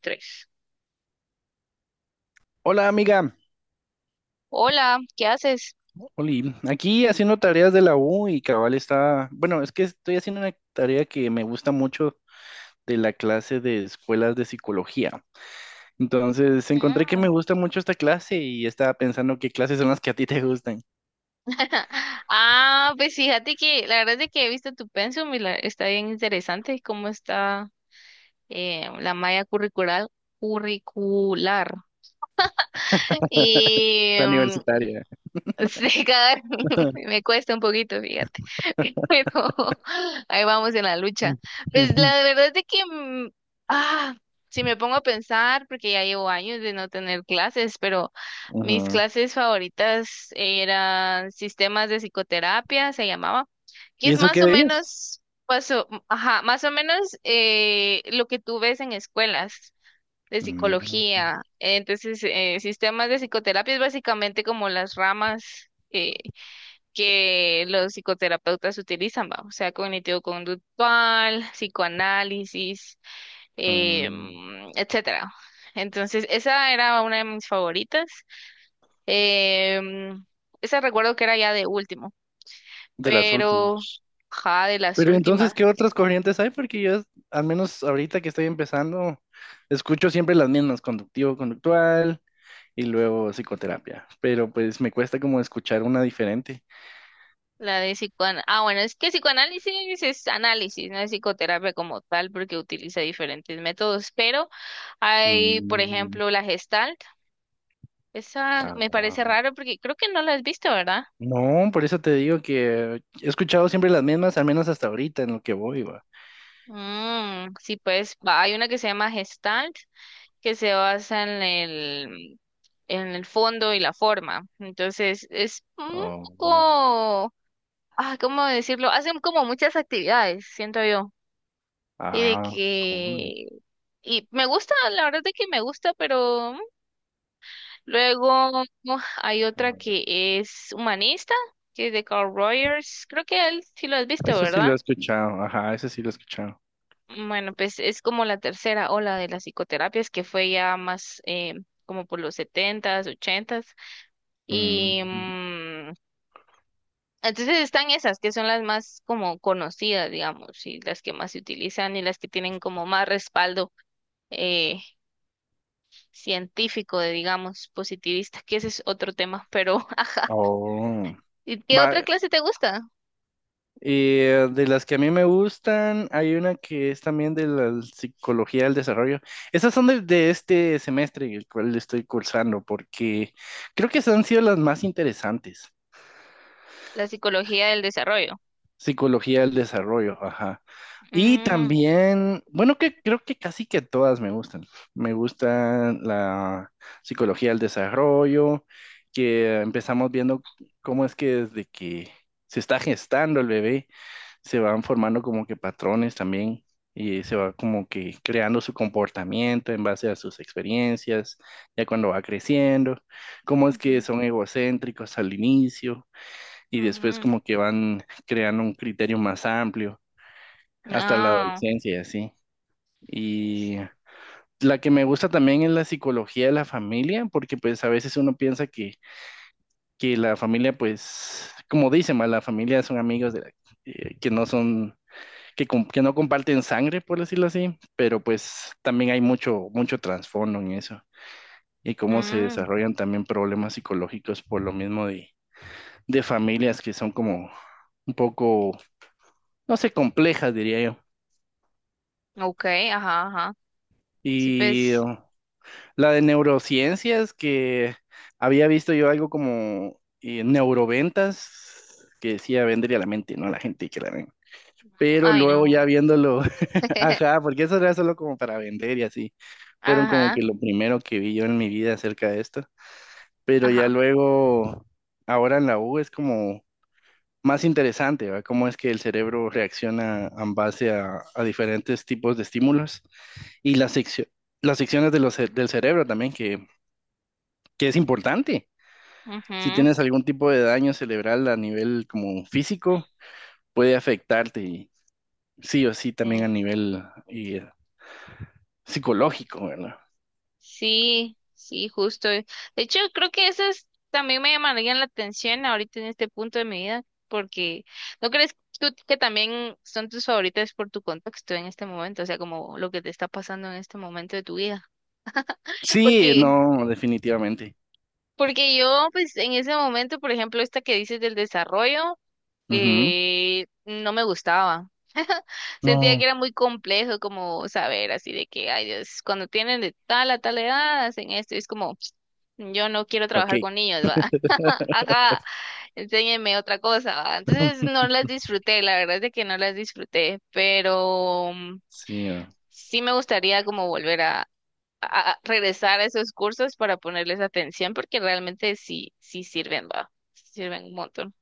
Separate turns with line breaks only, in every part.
Tres.
Hola amiga,
Hola, ¿qué haces?
Oli, aquí haciendo tareas de la U y cabal está, bueno, es que estoy haciendo una tarea que me gusta mucho de la clase de escuelas de psicología. Entonces encontré que me
Ah,
gusta mucho esta clase y estaba pensando qué clases son las que a ti te gustan,
Ah, pues fíjate que la verdad es de que he visto tu pensum y la- está bien interesante cómo está la malla curricular, curricular. Y
la
mm,
universitaria.
Sí, cagar, me cuesta un poquito, fíjate. Pero ahí vamos en la lucha. Pues la verdad es de que, ah, si me pongo a pensar, porque ya llevo años de no tener clases, pero mis
Ujú.
clases favoritas eran sistemas de psicoterapia, se llamaba, que
¿Y
es
eso
más
qué
o
veías?
menos, pues, ajá, más o menos lo que tú ves en escuelas de
Mm,
psicología. Entonces, sistemas de psicoterapia es básicamente como las ramas que los psicoterapeutas utilizan, ¿va? O sea, cognitivo-conductual, psicoanálisis,
mm,
etcétera. Entonces, esa era una de mis favoritas. Eh, mm, esa recuerdo que era ya de último,
De las
pero,
últimas.
ja, de las
Pero entonces,
últimas.
¿qué otras corrientes hay? Porque yo, al menos ahorita que estoy empezando, escucho siempre las mismas, conductivo, conductual, y luego psicoterapia, pero pues me cuesta como escuchar una diferente.
La de psicoanálisis. Ah, bueno, es que psicoanálisis es análisis, no es psicoterapia como tal, porque utiliza diferentes métodos. Pero hay, por
Mm,
ejemplo, la Gestalt. Esa me parece
ah,
raro porque creo que no la has visto, ¿verdad?
no, por eso te digo que he escuchado siempre las mismas, al menos hasta ahorita en lo que voy, va.
Mm, sí, pues hay una que se llama Gestalt, que se basa en el fondo y la forma. Entonces, es un
Oh,
poco, ah, ¿cómo decirlo? Hacen como muchas actividades, siento yo. Y de
ah, cool.
que y me gusta, la verdad es que me gusta, pero luego uf, hay
A
otra
ver,
que es humanista, que es de Carl Rogers. Creo que él sí lo has visto,
eso sí lo
¿verdad?
he escuchado, ajá, eso sí lo he escuchado.
Bueno, pues es como la tercera ola de las psicoterapias que fue ya más como por los setentas, ochentas. Y
Mm,
mm, entonces están esas que son las más como conocidas, digamos, y las que más se utilizan y las que tienen como más respaldo eh, científico, de, digamos, positivista, que ese es otro tema, pero
oh,
¿y qué
va,
otra clase te gusta?
y de las que a mí me gustan, hay una que es también de la psicología del desarrollo. Esas son de este semestre, el cual estoy cursando, porque creo que esas han sido las más interesantes.
La psicología del desarrollo.
Psicología del desarrollo, ajá. Y
Mm,
también, bueno, que creo que casi que todas me gustan. Me gustan la psicología del desarrollo, que empezamos viendo cómo es que desde que se está gestando el bebé se van formando como que patrones también y se va como que creando su comportamiento en base a sus experiencias, ya cuando va creciendo, cómo es que
ujú,
son egocéntricos al inicio y después
ujú.
como que van creando un criterio más amplio hasta la
Ah,
adolescencia y así. Y la que me gusta también es la psicología de la familia, porque pues a veces uno piensa que la familia pues, como dicen, ma, la familia son amigos de la- que no son que, com- que no comparten sangre, por decirlo así, pero pues también hay mucho, mucho trasfondo en eso y cómo se
mm,
desarrollan también problemas psicológicos por lo mismo de familias que son como un poco, no sé, complejas, diría yo.
ok, ajá, ajá. Sí,
Y
pues,
la de neurociencias, que había visto yo algo como neuroventas, que decía, vendría a la mente, no a la gente que la ven. Pero
ay,
luego ya
no.
viéndolo. Ajá, porque eso era solo como para vender y así. Fueron como que
Ajá,
lo primero que vi yo en mi vida acerca de esto. Pero ya
ajá.
luego, ahora en la U es como más interesante, ¿va? Cómo es que el cerebro reacciona en base a diferentes tipos de estímulos y las secciones de del cerebro también, que es importante. Si
Ujú,
tienes algún tipo de daño cerebral a nivel como físico, puede afectarte y sí o sí también a
sí.
nivel psicológico, ¿verdad?
Sí, sí, justo. De hecho, creo que esas también me llamarían la atención ahorita en este punto de mi vida, porque ¿no crees tú que también son tus favoritas por tu contexto en este momento? O sea, como lo que te está pasando en este momento de tu vida.
Sí,
Porque,
no, definitivamente.
porque yo, pues, en ese momento, por ejemplo, esta que dices del desarrollo,
Ujú.
no me gustaba. Sentía
No,
que era muy complejo como saber así de que, ay Dios, cuando tienen de tal a tal edad hacen esto, y es como, "Ps, yo no quiero
¿para
trabajar
qué?
con niños, va, ajá, enséñenme otra cosa, va. Entonces no las disfruté, la verdad es de que no las disfruté, pero
Sí, ah.
sí me gustaría como volver a regresar a esos cursos para ponerles atención porque realmente sí, sí sirven, va, sí sirven un montón.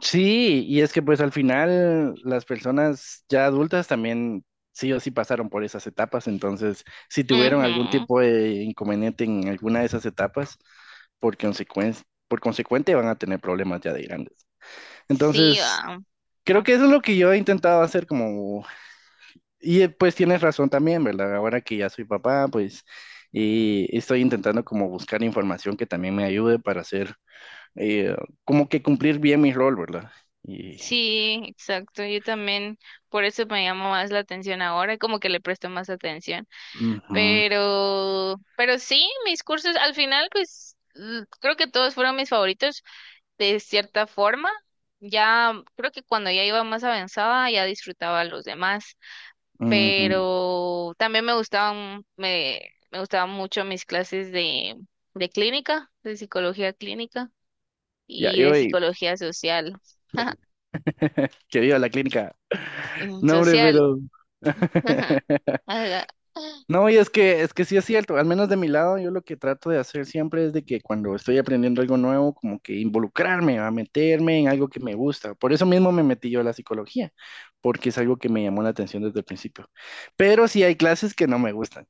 Sí, y es que pues al final las personas ya adultas también sí o sí pasaron por esas etapas, entonces si tuvieron algún
Ujú.
tipo de inconveniente en alguna de esas etapas, por consecuencia, por consecuente van a tener problemas ya de grandes.
Sí,
Entonces,
va.
creo que eso es lo que yo he intentado hacer como. Y pues tienes razón también, ¿verdad? Ahora que ya soy papá, pues y estoy intentando como buscar información que también me ayude para hacer, eh, como que cumplir bien mi rol, ¿verdad? Y,
Sí, exacto. Yo también, por eso me llama más la atención ahora, como que le presto más atención.
ujú,
Pero sí, mis cursos al final, pues creo que todos fueron mis favoritos de cierta forma. Ya, creo que cuando ya iba más avanzada, ya disfrutaba los demás.
ujú.
Pero también me gustaban mucho mis clases de clínica, de psicología clínica
Ya,
y
yo
de
hoy
psicología social.
que voy a la clínica.
Mm,
No, hombre,
social.
pero...
Ajá. Ala,
No, es que sí es cierto, al menos de mi lado, yo lo que trato de hacer siempre es de que cuando estoy aprendiendo algo nuevo, como que involucrarme, a meterme en algo que me gusta. Por eso mismo me metí yo a la psicología, porque es algo que me llamó la atención desde el principio. Pero sí hay clases que no me gustan,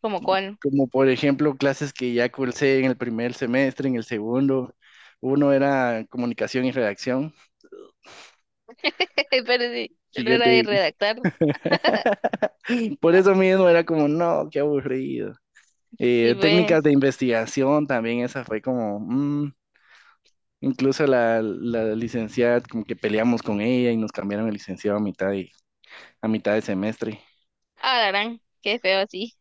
¿como cuál?
como por ejemplo clases que ya cursé en el primer semestre, en el segundo. Uno era comunicación y redacción,
Perdí. Solo era de
siguiente.
redactar.
Por eso mismo era como, no, qué aburrido.
¿Si
Técnicas de
ves?
investigación también, esa fue como, mm, incluso la licenciada, como que peleamos con ella y nos cambiaron el licenciado a mitad a mitad de semestre.
Ah, la gran. Qué feo así.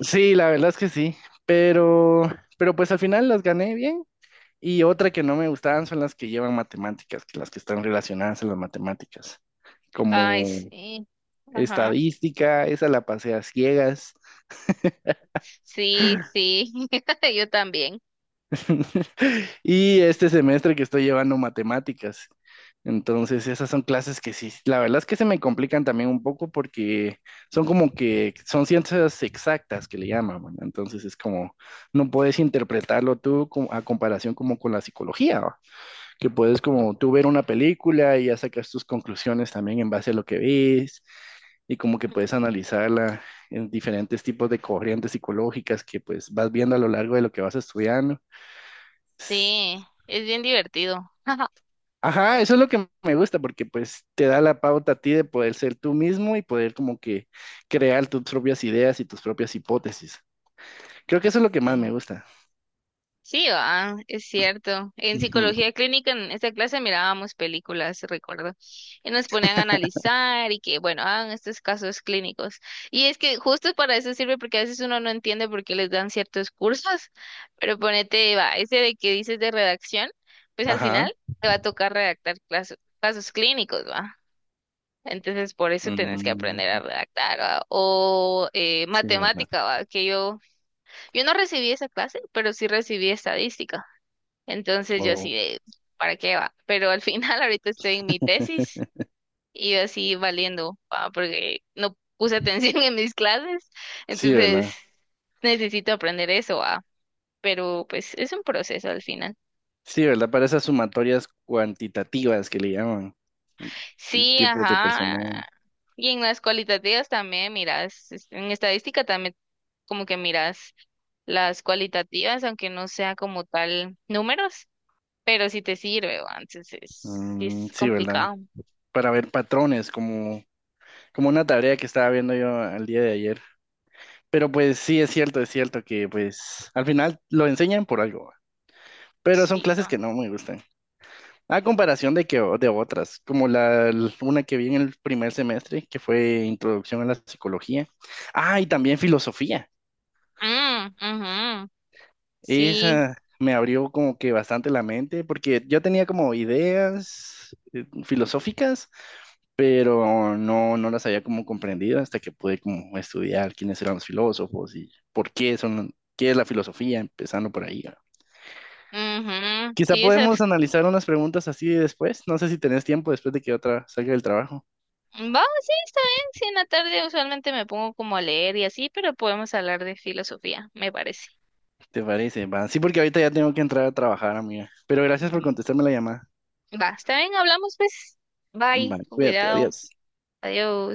Sí, la verdad es que sí, pero, pero pues al final las gané bien. Y otra que no me gustaban son las que llevan matemáticas, que las que están relacionadas a las matemáticas,
Ay,
como
sí. Ajá.
estadística, esa la pasé a ciegas.
Sí, sí. Yo también.
Y este semestre que estoy llevando matemáticas. Entonces, esas son clases que sí, la verdad es que se me complican también un poco porque son como que son ciencias exactas que le llaman, ¿verdad? Entonces es como, no puedes interpretarlo tú como- a comparación como con la psicología, ¿va? Que puedes como tú ver una película y ya sacas tus conclusiones también en base a lo que ves y como que puedes
Ujú.
analizarla en diferentes tipos de corrientes psicológicas que pues vas viendo a lo largo de lo que vas estudiando.
Sí. Es bien divertido.
Ajá, eso es lo que me gusta porque pues te da la pauta a ti de poder ser tú mismo y poder como que crear tus propias ideas y tus propias hipótesis. Creo que eso es lo que más me
Sí.
gusta.
Sí, ah, es cierto. En
Ujú.
psicología clínica, en esta clase mirábamos películas, recuerdo, y nos ponían a analizar y que, bueno, hagan estos casos clínicos. Y es que justo para eso sirve porque a veces uno no entiende por qué les dan ciertos cursos, pero ponete, va, ese de que dices de redacción, pues al
Ajá.
final te va a tocar redactar casos clínicos, va. Entonces, por eso tenés que
Mm,
aprender a redactar, ¿va? O
sí, ¿verdad?
matemática, ¿va? Que yo no recibí esa clase, pero sí recibí estadística. Entonces yo
Oh,
así de, ¿para qué va? Pero al final ahorita estoy en mi tesis y yo así valiendo, pa, porque no puse atención en mis clases,
sí,
entonces
¿verdad?
necesito aprender eso, va. Pero pues es un proceso al final.
Sí, ¿verdad? Para esas sumatorias cuantitativas que le llaman, y
Sí,
tipos de
ajá.
personal.
Y en las cualitativas también miras, en estadística también como que miras las cualitativas, aunque no sea como tal números, pero sí te sirve, va. Entonces sí
Mm,
es
sí, ¿verdad?
complicado.
Para ver patrones, como, como una tarea que estaba viendo yo el día de ayer. Pero pues sí, es cierto que pues al final lo enseñan por algo, pero son
Sí,
clases que no me gustan. A comparación de que de otras, como la una que vi en el primer semestre, que fue Introducción a la Psicología. Ah, y también filosofía.
mm, ujú, sí,
Esa me abrió como que bastante la mente, porque yo tenía como ideas filosóficas, pero no, no las había como comprendido hasta que pude como estudiar quiénes eran los filósofos y por qué son, qué es la filosofía, empezando por ahí, ¿no?
ujú,
Quizá
sí, esa.
podemos analizar unas preguntas así después. No sé si tenés tiempo después de que otra salga del trabajo.
Va, sí, está bien. Sí, en la tarde usualmente me pongo como a leer y así, pero podemos hablar de filosofía, me parece.
¿Te parece? Va. Sí, porque ahorita ya tengo que entrar a trabajar, amiga. Pero gracias por
Ujú.
contestarme la llamada.
Va, está bien, hablamos pues. Bye,
Vale,
con
cuídate,
cuidado.
adiós.
Adiós.